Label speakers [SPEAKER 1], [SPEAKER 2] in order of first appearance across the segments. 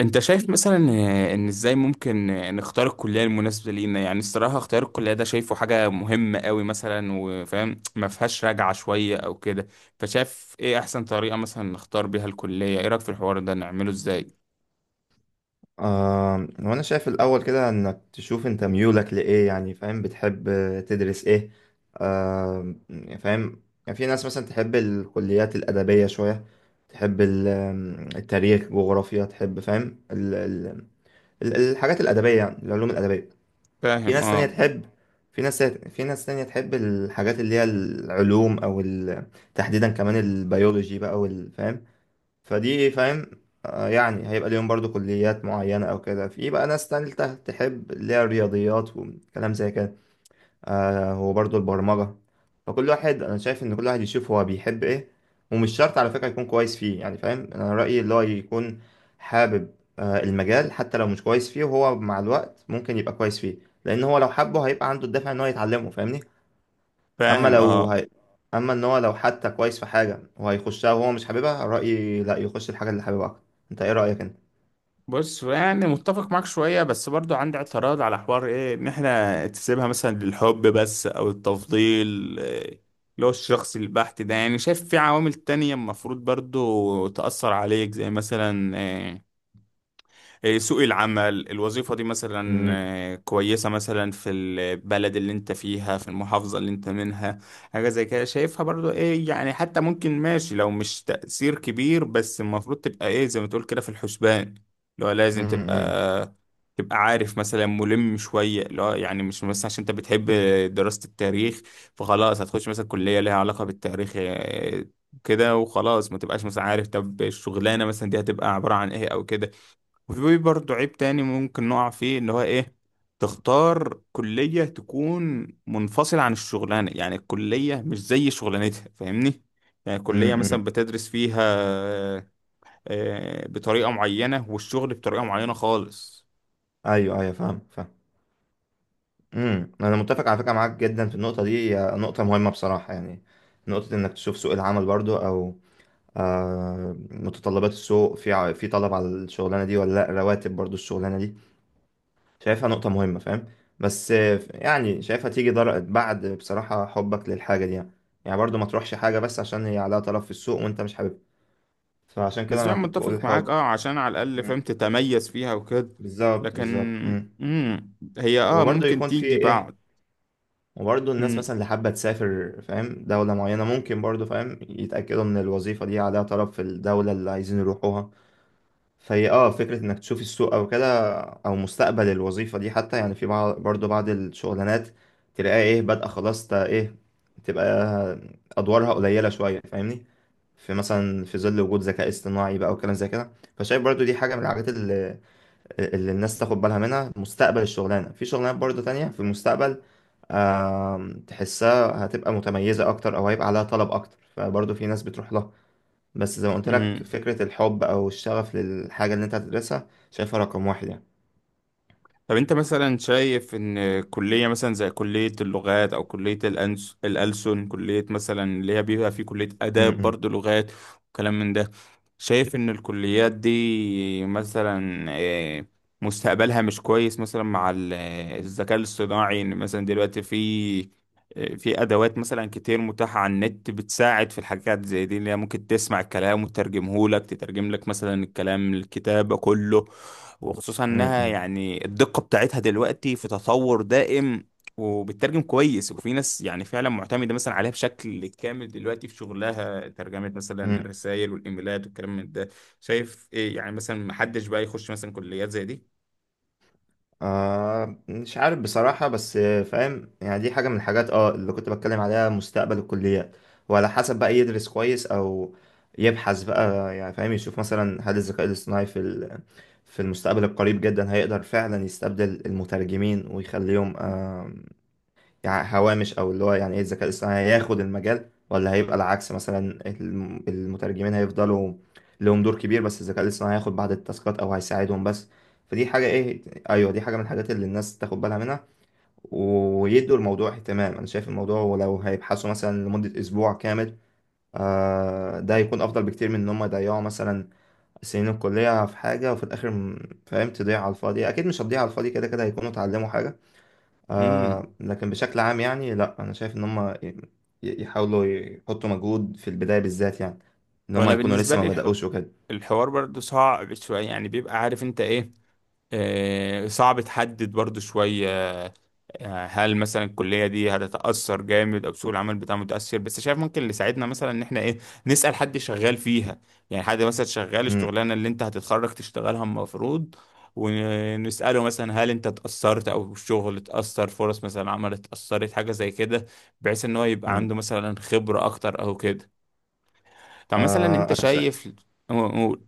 [SPEAKER 1] انت شايف مثلا ان ازاي ممكن نختار الكليه المناسبه لينا. يعني الصراحه اختيار الكليه ده شايفه حاجه مهمه قوي مثلا، وفاهم ما فيهاش راجعه شويه او كده. فشايف ايه احسن طريقه مثلا نختار بيها الكليه؟ ايه رايك في الحوار ده، نعمله ازاي؟
[SPEAKER 2] وانا شايف الاول كده انك تشوف انت ميولك لايه، يعني فاهم بتحب تدرس ايه. يعني فاهم. يعني في ناس مثلا تحب الكليات الادبيه شويه، تحب التاريخ جغرافيا، تحب فاهم الحاجات الادبيه، يعني العلوم الادبيه. في
[SPEAKER 1] فاهم،
[SPEAKER 2] ناس تانية
[SPEAKER 1] اه.
[SPEAKER 2] تحب في ناس تانية تحب الحاجات اللي هي العلوم او تحديدا كمان البيولوجي بقى والفاهم، فدي إيه، فاهم. يعني هيبقى ليهم برضو كليات معينة أو كده. في بقى ناس تالتة تحب اللي هي الرياضيات وكلام زي كده، وبرضو البرمجة. فكل واحد أنا شايف إن كل واحد يشوف هو بيحب إيه، ومش شرط على فكرة يكون كويس فيه. يعني فاهم، أنا رأيي اللي هو يكون حابب المجال، حتى لو مش كويس فيه وهو مع الوقت ممكن يبقى كويس فيه، لأن هو لو حبه هيبقى عنده الدافع إن هو يتعلمه، فاهمني. اما
[SPEAKER 1] فاهم،
[SPEAKER 2] لو
[SPEAKER 1] اه.
[SPEAKER 2] هي... اما ان هو لو حتى كويس في حاجه وهيخشها وهو مش حاببها، رايي لا، يخش الحاجه اللي حاببها اكتر. انت ايه رايك انت؟
[SPEAKER 1] بص يعني متفق معاك شوية، بس برضو عندي اعتراض على حوار ايه، ان احنا تسيبها مثلا للحب بس او التفضيل إيه، اللي هو الشخصي البحت ده. يعني شايف في عوامل تانية المفروض برضو تأثر عليك، زي مثلا سوق العمل، الوظيفة دي مثلا
[SPEAKER 2] امم
[SPEAKER 1] كويسة مثلا في البلد اللي انت فيها، في المحافظة اللي انت منها. حاجة زي كده شايفها برضو ايه، يعني حتى ممكن ماشي لو مش تأثير كبير، بس المفروض تبقى ايه، زي ما تقول كده، في الحسبان. اللي هو لازم
[SPEAKER 2] امم
[SPEAKER 1] تبقى، تبقى عارف مثلا، ملم شوية. اللي هو يعني مش مثلا عشان انت بتحب دراسة التاريخ، فخلاص هتخش مثلا كلية ليها علاقة بالتاريخ كده وخلاص، ما تبقاش مثلا عارف طب الشغلانة مثلا دي هتبقى عبارة عن ايه او كده. وفي برضه عيب تاني ممكن نقع فيه، اللي هو ايه، تختار كلية تكون منفصلة عن الشغلانة. يعني الكلية مش زي شغلانتها، فاهمني؟ يعني كلية
[SPEAKER 2] امم
[SPEAKER 1] مثلا بتدرس فيها بطريقة معينة، والشغل بطريقة معينة خالص.
[SPEAKER 2] ايوه، ايوه، فاهم، فاهم. انا متفق على فكره معاك جدا في النقطه دي، هي نقطه مهمه بصراحه، يعني نقطه انك تشوف سوق العمل برضو، او متطلبات السوق، في طلب على الشغلانه دي ولا لا، رواتب برضو الشغلانه دي شايفها نقطة مهمة، فاهم. بس يعني شايفها تيجي بعد بصراحة حبك للحاجة دي، يعني يعني برضو ما تروحش حاجة بس عشان هي عليها طلب في السوق وانت مش حاببها، فعشان كده
[SPEAKER 1] نسبيا
[SPEAKER 2] انا كنت بقول
[SPEAKER 1] متفق معاك،
[SPEAKER 2] الحب.
[SPEAKER 1] اه، عشان على الأقل فاهم
[SPEAKER 2] مم.
[SPEAKER 1] تتميز فيها وكده.
[SPEAKER 2] بالظبط
[SPEAKER 1] لكن
[SPEAKER 2] بالظبط. مم.
[SPEAKER 1] مم، هي اه
[SPEAKER 2] وبرضه
[SPEAKER 1] ممكن
[SPEAKER 2] يكون في
[SPEAKER 1] تيجي
[SPEAKER 2] ايه
[SPEAKER 1] بعد.
[SPEAKER 2] وبرضه الناس مثلا
[SPEAKER 1] مم.
[SPEAKER 2] اللي حابة تسافر فاهم دولة معينة، ممكن برضه فاهم يتأكدوا ان الوظيفة دي عليها طلب في الدولة اللي عايزين يروحوها. فهي فكرة انك تشوف السوق او كده، او مستقبل الوظيفة دي حتى. يعني في بعض برضو بعض الشغلانات تلاقيها ايه بادئة خلاص، تا ايه، تبقى ادوارها قليلة شوية، فاهمني، في مثلا في ظل وجود ذكاء اصطناعي بقى وكلام زي كده. فشايف برضو دي حاجة من الحاجات اللي الناس تاخد بالها منها، مستقبل الشغلانة، في شغلانات برضو تانية في المستقبل. تحسها هتبقى متميزة اكتر، او هيبقى عليها طلب اكتر، فبرضو في ناس بتروح لها. بس زي ما قلت لك،
[SPEAKER 1] مم.
[SPEAKER 2] فكرة الحب أو الشغف للحاجة اللي أنت هتدرسها شايفها رقم واحد يعني.
[SPEAKER 1] طب انت مثلا شايف ان كلية مثلا زي كلية اللغات، او كلية الألسن، كلية مثلا اللي هي بيبقى في كلية
[SPEAKER 2] م-
[SPEAKER 1] آداب
[SPEAKER 2] م-
[SPEAKER 1] برضو لغات وكلام من ده، شايف ان الكليات دي مثلا مستقبلها مش كويس مثلا مع الذكاء الاصطناعي؟ ان مثلا دلوقتي في ادوات مثلا كتير متاحه على النت، بتساعد في الحاجات زي دي، اللي هي ممكن تسمع الكلام وتترجمه لك، تترجم لك مثلا الكلام، الكتابه، كله. وخصوصا
[SPEAKER 2] م-
[SPEAKER 1] انها
[SPEAKER 2] م-
[SPEAKER 1] يعني الدقه بتاعتها دلوقتي في تطور دائم، وبتترجم كويس. وفي ناس يعني فعلا معتمده مثلا عليها بشكل كامل دلوقتي في شغلها، ترجمه مثلا
[SPEAKER 2] م.
[SPEAKER 1] الرسائل والايميلات والكلام من ده. شايف ايه، يعني مثلا محدش بقى يخش مثلا كليات زي دي؟
[SPEAKER 2] مش عارف بصراحة، بس فاهم يعني دي حاجة من الحاجات اللي كنت بتكلم عليها، مستقبل الكليات، وعلى حسب بقى يدرس كويس أو يبحث بقى، يعني فاهم يشوف مثلا هل الذكاء الاصطناعي في المستقبل القريب جدا هيقدر فعلا يستبدل المترجمين ويخليهم يعني هوامش، او اللي هو يعني ايه الذكاء الاصطناعي هياخد المجال، ولا هيبقى العكس مثلا المترجمين هيفضلوا لهم دور كبير بس الذكاء الاصطناعي هياخد بعض التاسكات او هيساعدهم بس. فدي حاجة ايه، ايوه دي حاجة من الحاجات اللي الناس تاخد بالها منها ويدوا الموضوع اهتمام. انا شايف الموضوع، ولو هيبحثوا مثلا لمدة اسبوع كامل ده هيكون افضل بكتير من ان هم يضيعوا مثلا سنين الكلية في حاجة، وفي الاخر فاهم تضيع على الفاضي، اكيد مش هتضيع على الفاضي، كده كده هيكونوا اتعلموا حاجة.
[SPEAKER 1] امم.
[SPEAKER 2] لكن بشكل عام يعني، لا، انا شايف ان هم يحاولوا يحطوا مجهود في البدايه بالذات، يعني ان هم
[SPEAKER 1] وانا
[SPEAKER 2] يكونوا
[SPEAKER 1] بالنسبه
[SPEAKER 2] لسه ما
[SPEAKER 1] لي
[SPEAKER 2] بداوش وكده.
[SPEAKER 1] الحوار برضو صعب شويه. يعني بيبقى عارف انت ايه، صعب تحدد برضو شوية هل مثلا الكلية دي هتتأثر جامد أو سوق العمل بتاعها متأثر. بس شايف ممكن اللي يساعدنا مثلا إن إحنا إيه، نسأل حد شغال فيها. يعني حد مثلا شغال
[SPEAKER 2] امم
[SPEAKER 1] الشغلانة اللي أنت هتتخرج تشتغلها المفروض، ونسأله مثلا هل أنت اتأثرت، أو الشغل اتأثر، فرص مثلا عمل اتأثرت، حاجة زي كده، بحيث إن هو يبقى
[SPEAKER 2] أمم.
[SPEAKER 1] عنده مثلا خبرة أكتر أو كده. طب مثلا
[SPEAKER 2] آه
[SPEAKER 1] أنت
[SPEAKER 2] انا شا...
[SPEAKER 1] شايف، قول.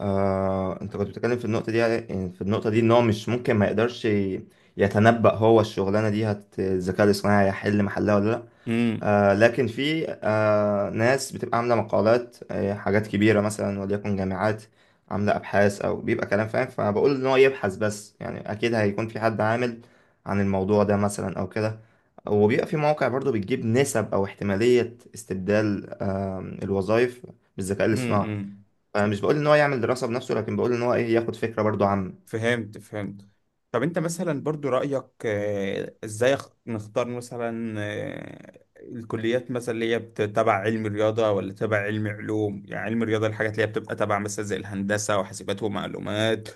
[SPEAKER 2] انت كنت بتتكلم في النقطه دي، يعني في النقطه دي ان هو مش ممكن ما يقدرش يتنبأ هو الشغلانه دي هت الذكاء الاصطناعي هيحل محلها ولا لا.
[SPEAKER 1] مم.
[SPEAKER 2] لكن في ناس بتبقى عاملة مقالات حاجات كبيرة، مثلا وليكن جامعات عاملة أبحاث، أو بيبقى كلام فاهم، فبقول إن هو يبحث بس، يعني أكيد هيكون في حد عامل عن الموضوع ده مثلا أو كده، وبيبقى في مواقع برضو بتجيب نسب أو احتمالية استبدال الوظائف بالذكاء الاصطناعي.
[SPEAKER 1] مم.
[SPEAKER 2] فمش بقول إن هو يعمل دراسة بنفسه، لكن بقول إن هو إيه، ياخد فكرة برضو عامة.
[SPEAKER 1] فهمت، فهمت. طب انت مثلا برضو رأيك ازاي نختار مثلا الكليات مثلا اللي هي تبع علم رياضة ولا تبع علم علوم؟ يعني علم رياضة الحاجات اللي هي بتبقى تبع مثلا زي الهندسة وحاسبات ومعلومات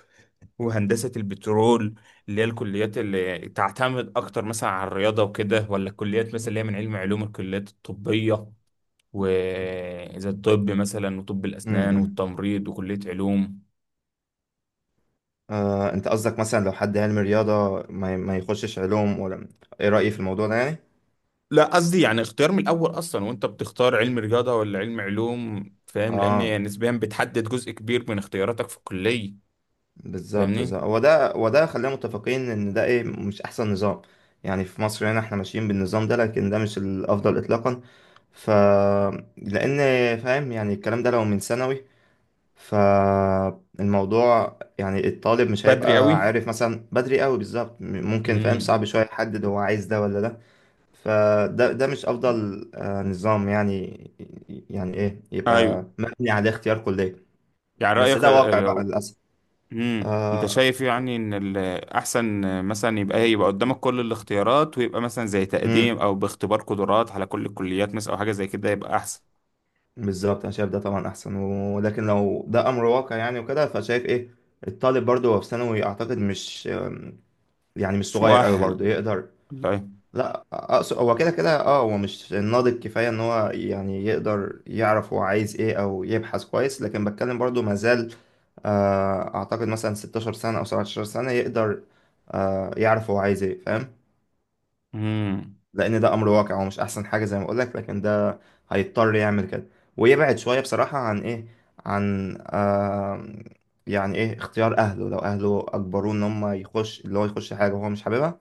[SPEAKER 1] وهندسة البترول، اللي هي الكليات اللي تعتمد اكتر مثلا على الرياضة وكده، ولا الكليات مثلا اللي هي من علم علوم، الكليات الطبية، وزي الطب مثلا وطب
[SPEAKER 2] م-
[SPEAKER 1] الأسنان
[SPEAKER 2] م.
[SPEAKER 1] والتمريض وكلية علوم.
[SPEAKER 2] أنت قصدك مثلا لو حد علم رياضة ما يخشش علوم، ولا إيه رأيي في الموضوع ده يعني؟
[SPEAKER 1] لا، قصدي يعني اختيار من الاول اصلا، وانت بتختار علم رياضه ولا علم علوم، فاهم،
[SPEAKER 2] آه
[SPEAKER 1] لان نسبيا بتحدد جزء كبير من اختياراتك في الكليه.
[SPEAKER 2] بالظبط
[SPEAKER 1] فاهمني؟
[SPEAKER 2] بالظبط، هو ده، وده خلينا متفقين ان ده ايه، مش احسن نظام يعني. في مصر هنا احنا ماشيين بالنظام ده، لكن ده مش الافضل اطلاقا. ف لان فاهم يعني الكلام ده لو من ثانوي، فالموضوع يعني الطالب مش
[SPEAKER 1] بدري
[SPEAKER 2] هيبقى
[SPEAKER 1] قوي.
[SPEAKER 2] عارف مثلا بدري قوي بالظبط، ممكن فاهم
[SPEAKER 1] امم.
[SPEAKER 2] صعب شويه يحدد هو عايز ده ولا ده. فده مش افضل نظام، يعني يعني ايه
[SPEAKER 1] ايوه.
[SPEAKER 2] يبقى مبني على اختيار كليه.
[SPEAKER 1] يعني
[SPEAKER 2] بس
[SPEAKER 1] رايك
[SPEAKER 2] ده واقع بقى
[SPEAKER 1] لو،
[SPEAKER 2] للاسف.
[SPEAKER 1] امم، انت
[SPEAKER 2] آه،
[SPEAKER 1] شايف يعني ان الاحسن مثلا يبقى ايه، يبقى قدامك كل الاختيارات، ويبقى مثلا زي تقديم او باختبار قدرات على كل الكليات مثلا، او حاجه زي كده، يبقى احسن؟
[SPEAKER 2] بالظبط انا شايف ده طبعا احسن، ولكن لو ده امر واقع يعني وكده، فشايف ايه الطالب برضه هو في ثانوي اعتقد مش يعني مش
[SPEAKER 1] مش
[SPEAKER 2] صغير قوي
[SPEAKER 1] مؤهل.
[SPEAKER 2] برضه يقدر.
[SPEAKER 1] والله.
[SPEAKER 2] لا، اقصد هو كده كده اه هو مش ناضج كفايه ان هو يعني يقدر يعرف هو عايز ايه او يبحث كويس، لكن بتكلم برضه ما زال اعتقد مثلا 16 سنه او 17 سنه يقدر يعرف هو عايز ايه، فاهم.
[SPEAKER 1] امم.
[SPEAKER 2] لان ده امر واقع ومش احسن حاجه زي ما اقول لك، لكن ده هيضطر يعمل كده، ويبعد شويه بصراحه عن ايه، عن يعني ايه اختيار اهله، لو اهله اجبروه ان هم يخش اللي هو يخش حاجه وهو مش حاببها،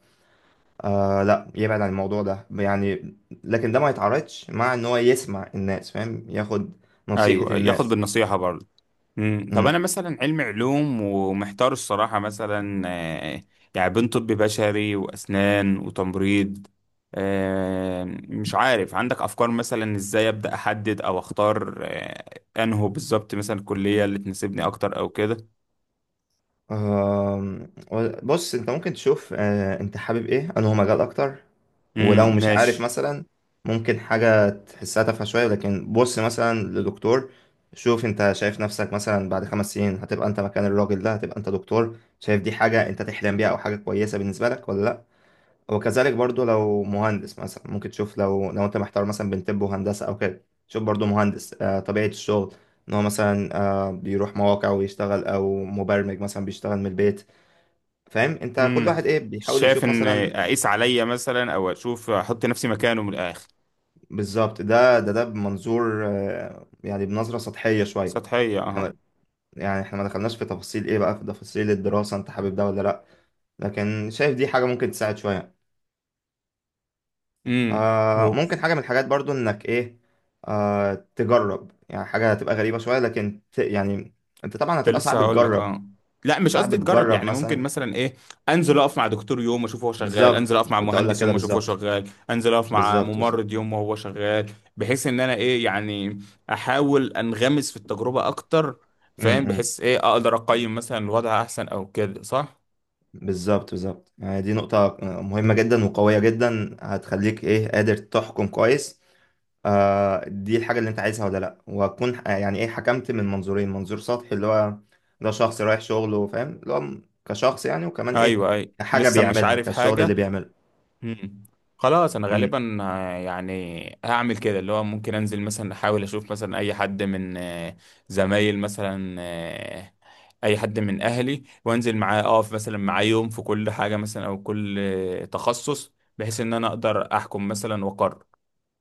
[SPEAKER 2] لا، يبعد عن الموضوع ده يعني. لكن ده ما يتعارضش مع ان هو يسمع الناس فاهم، ياخد
[SPEAKER 1] ايوه،
[SPEAKER 2] نصيحه
[SPEAKER 1] أيوه. ياخد
[SPEAKER 2] الناس.
[SPEAKER 1] بالنصيحه برضه. مم. طب انا
[SPEAKER 2] امم
[SPEAKER 1] مثلا علم علوم، ومحتار الصراحه، مثلا يعني بين طب بشري واسنان وتمريض آه، مش عارف عندك افكار مثلا ازاي ابدا احدد او اختار انهو بالظبط مثلا الكليه اللي تناسبني اكتر او كده؟
[SPEAKER 2] آم، بص انت ممكن تشوف انت حابب ايه انه هو مجال اكتر،
[SPEAKER 1] امم،
[SPEAKER 2] ولو مش عارف
[SPEAKER 1] ماشي.
[SPEAKER 2] مثلا ممكن حاجة تحسها تافهة شوية، لكن بص مثلا لدكتور، شوف انت شايف نفسك مثلا بعد 5 سنين هتبقى انت مكان الراجل ده، هتبقى انت دكتور، شايف دي حاجة انت تحلم بيها او حاجة كويسة بالنسبة لك ولا لا. وكذلك برضو لو مهندس مثلا ممكن تشوف، لو انت محتار مثلا بين طب وهندسة او كده، شوف برضو مهندس طبيعة الشغل ان هو مثلا بيروح مواقع ويشتغل، او مبرمج مثلا بيشتغل من البيت، فاهم، انت كل
[SPEAKER 1] امم.
[SPEAKER 2] واحد ايه بيحاول
[SPEAKER 1] شايف
[SPEAKER 2] يشوف
[SPEAKER 1] ان
[SPEAKER 2] مثلا.
[SPEAKER 1] اقيس عليا مثلا، او اشوف، احط نفسي مكانه من الاخر.
[SPEAKER 2] بالظبط، ده ده ده بمنظور يعني بنظرة سطحية شوية.
[SPEAKER 1] سطحيه، اه.
[SPEAKER 2] إحنا- يعني احنا ما دخلناش في تفاصيل ايه بقى، في تفاصيل الدراسة انت حابب ده ولا لا، لكن شايف دي حاجة ممكن تساعد شوية.
[SPEAKER 1] امم. اهو.
[SPEAKER 2] ممكن حاجة من الحاجات برضو انك ايه، تجرب، يعني حاجة هتبقى غريبة شوية لكن يعني انت طبعا
[SPEAKER 1] كنت
[SPEAKER 2] هتبقى
[SPEAKER 1] لسه
[SPEAKER 2] صعب
[SPEAKER 1] هقول لك،
[SPEAKER 2] تجرب،
[SPEAKER 1] اه. لا، مش
[SPEAKER 2] صعب
[SPEAKER 1] قصدي تجرب،
[SPEAKER 2] تجرب
[SPEAKER 1] يعني ممكن
[SPEAKER 2] مثلا.
[SPEAKER 1] مثلا ايه، انزل اقف مع دكتور يوم اشوفه هو شغال، انزل
[SPEAKER 2] بالظبط
[SPEAKER 1] اقف مع
[SPEAKER 2] كنت اقول لك
[SPEAKER 1] مهندس
[SPEAKER 2] كده،
[SPEAKER 1] يوم اشوفه هو
[SPEAKER 2] بالظبط،
[SPEAKER 1] شغال، انزل اقف مع
[SPEAKER 2] بالظبط بالظبط.
[SPEAKER 1] ممرض يوم وهو شغال. بحيث ان انا ايه يعني، احاول انغمس في التجربة اكتر،
[SPEAKER 2] م-
[SPEAKER 1] فاهم،
[SPEAKER 2] م.
[SPEAKER 1] بحيث ايه اقدر اقيم مثلا الوضع احسن او كده، صح؟
[SPEAKER 2] بالظبط بالظبط، يعني دي نقطة مهمة جدا وقوية جدا، هتخليك ايه قادر تحكم كويس دي الحاجة اللي انت عايزها ولا لا، وهتكون يعني ايه، حكمت من منظورين، منظور سطحي اللي هو ده شخص رايح شغله، فاهم اللي هو كشخص يعني، وكمان ايه،
[SPEAKER 1] ايوه، اي أيوة.
[SPEAKER 2] كحاجة
[SPEAKER 1] لسه مش
[SPEAKER 2] بيعملها،
[SPEAKER 1] عارف
[SPEAKER 2] كالشغل
[SPEAKER 1] حاجة.
[SPEAKER 2] اللي بيعمله
[SPEAKER 1] مم. خلاص، انا غالبا يعني هعمل كده، اللي هو ممكن انزل مثلا، احاول اشوف مثلا اي حد من زمايل مثلا اي حد من اهلي، وانزل معاه اقف مثلا معاه يوم في كل حاجة مثلا، او كل تخصص، بحيث ان انا اقدر احكم مثلا واقرر.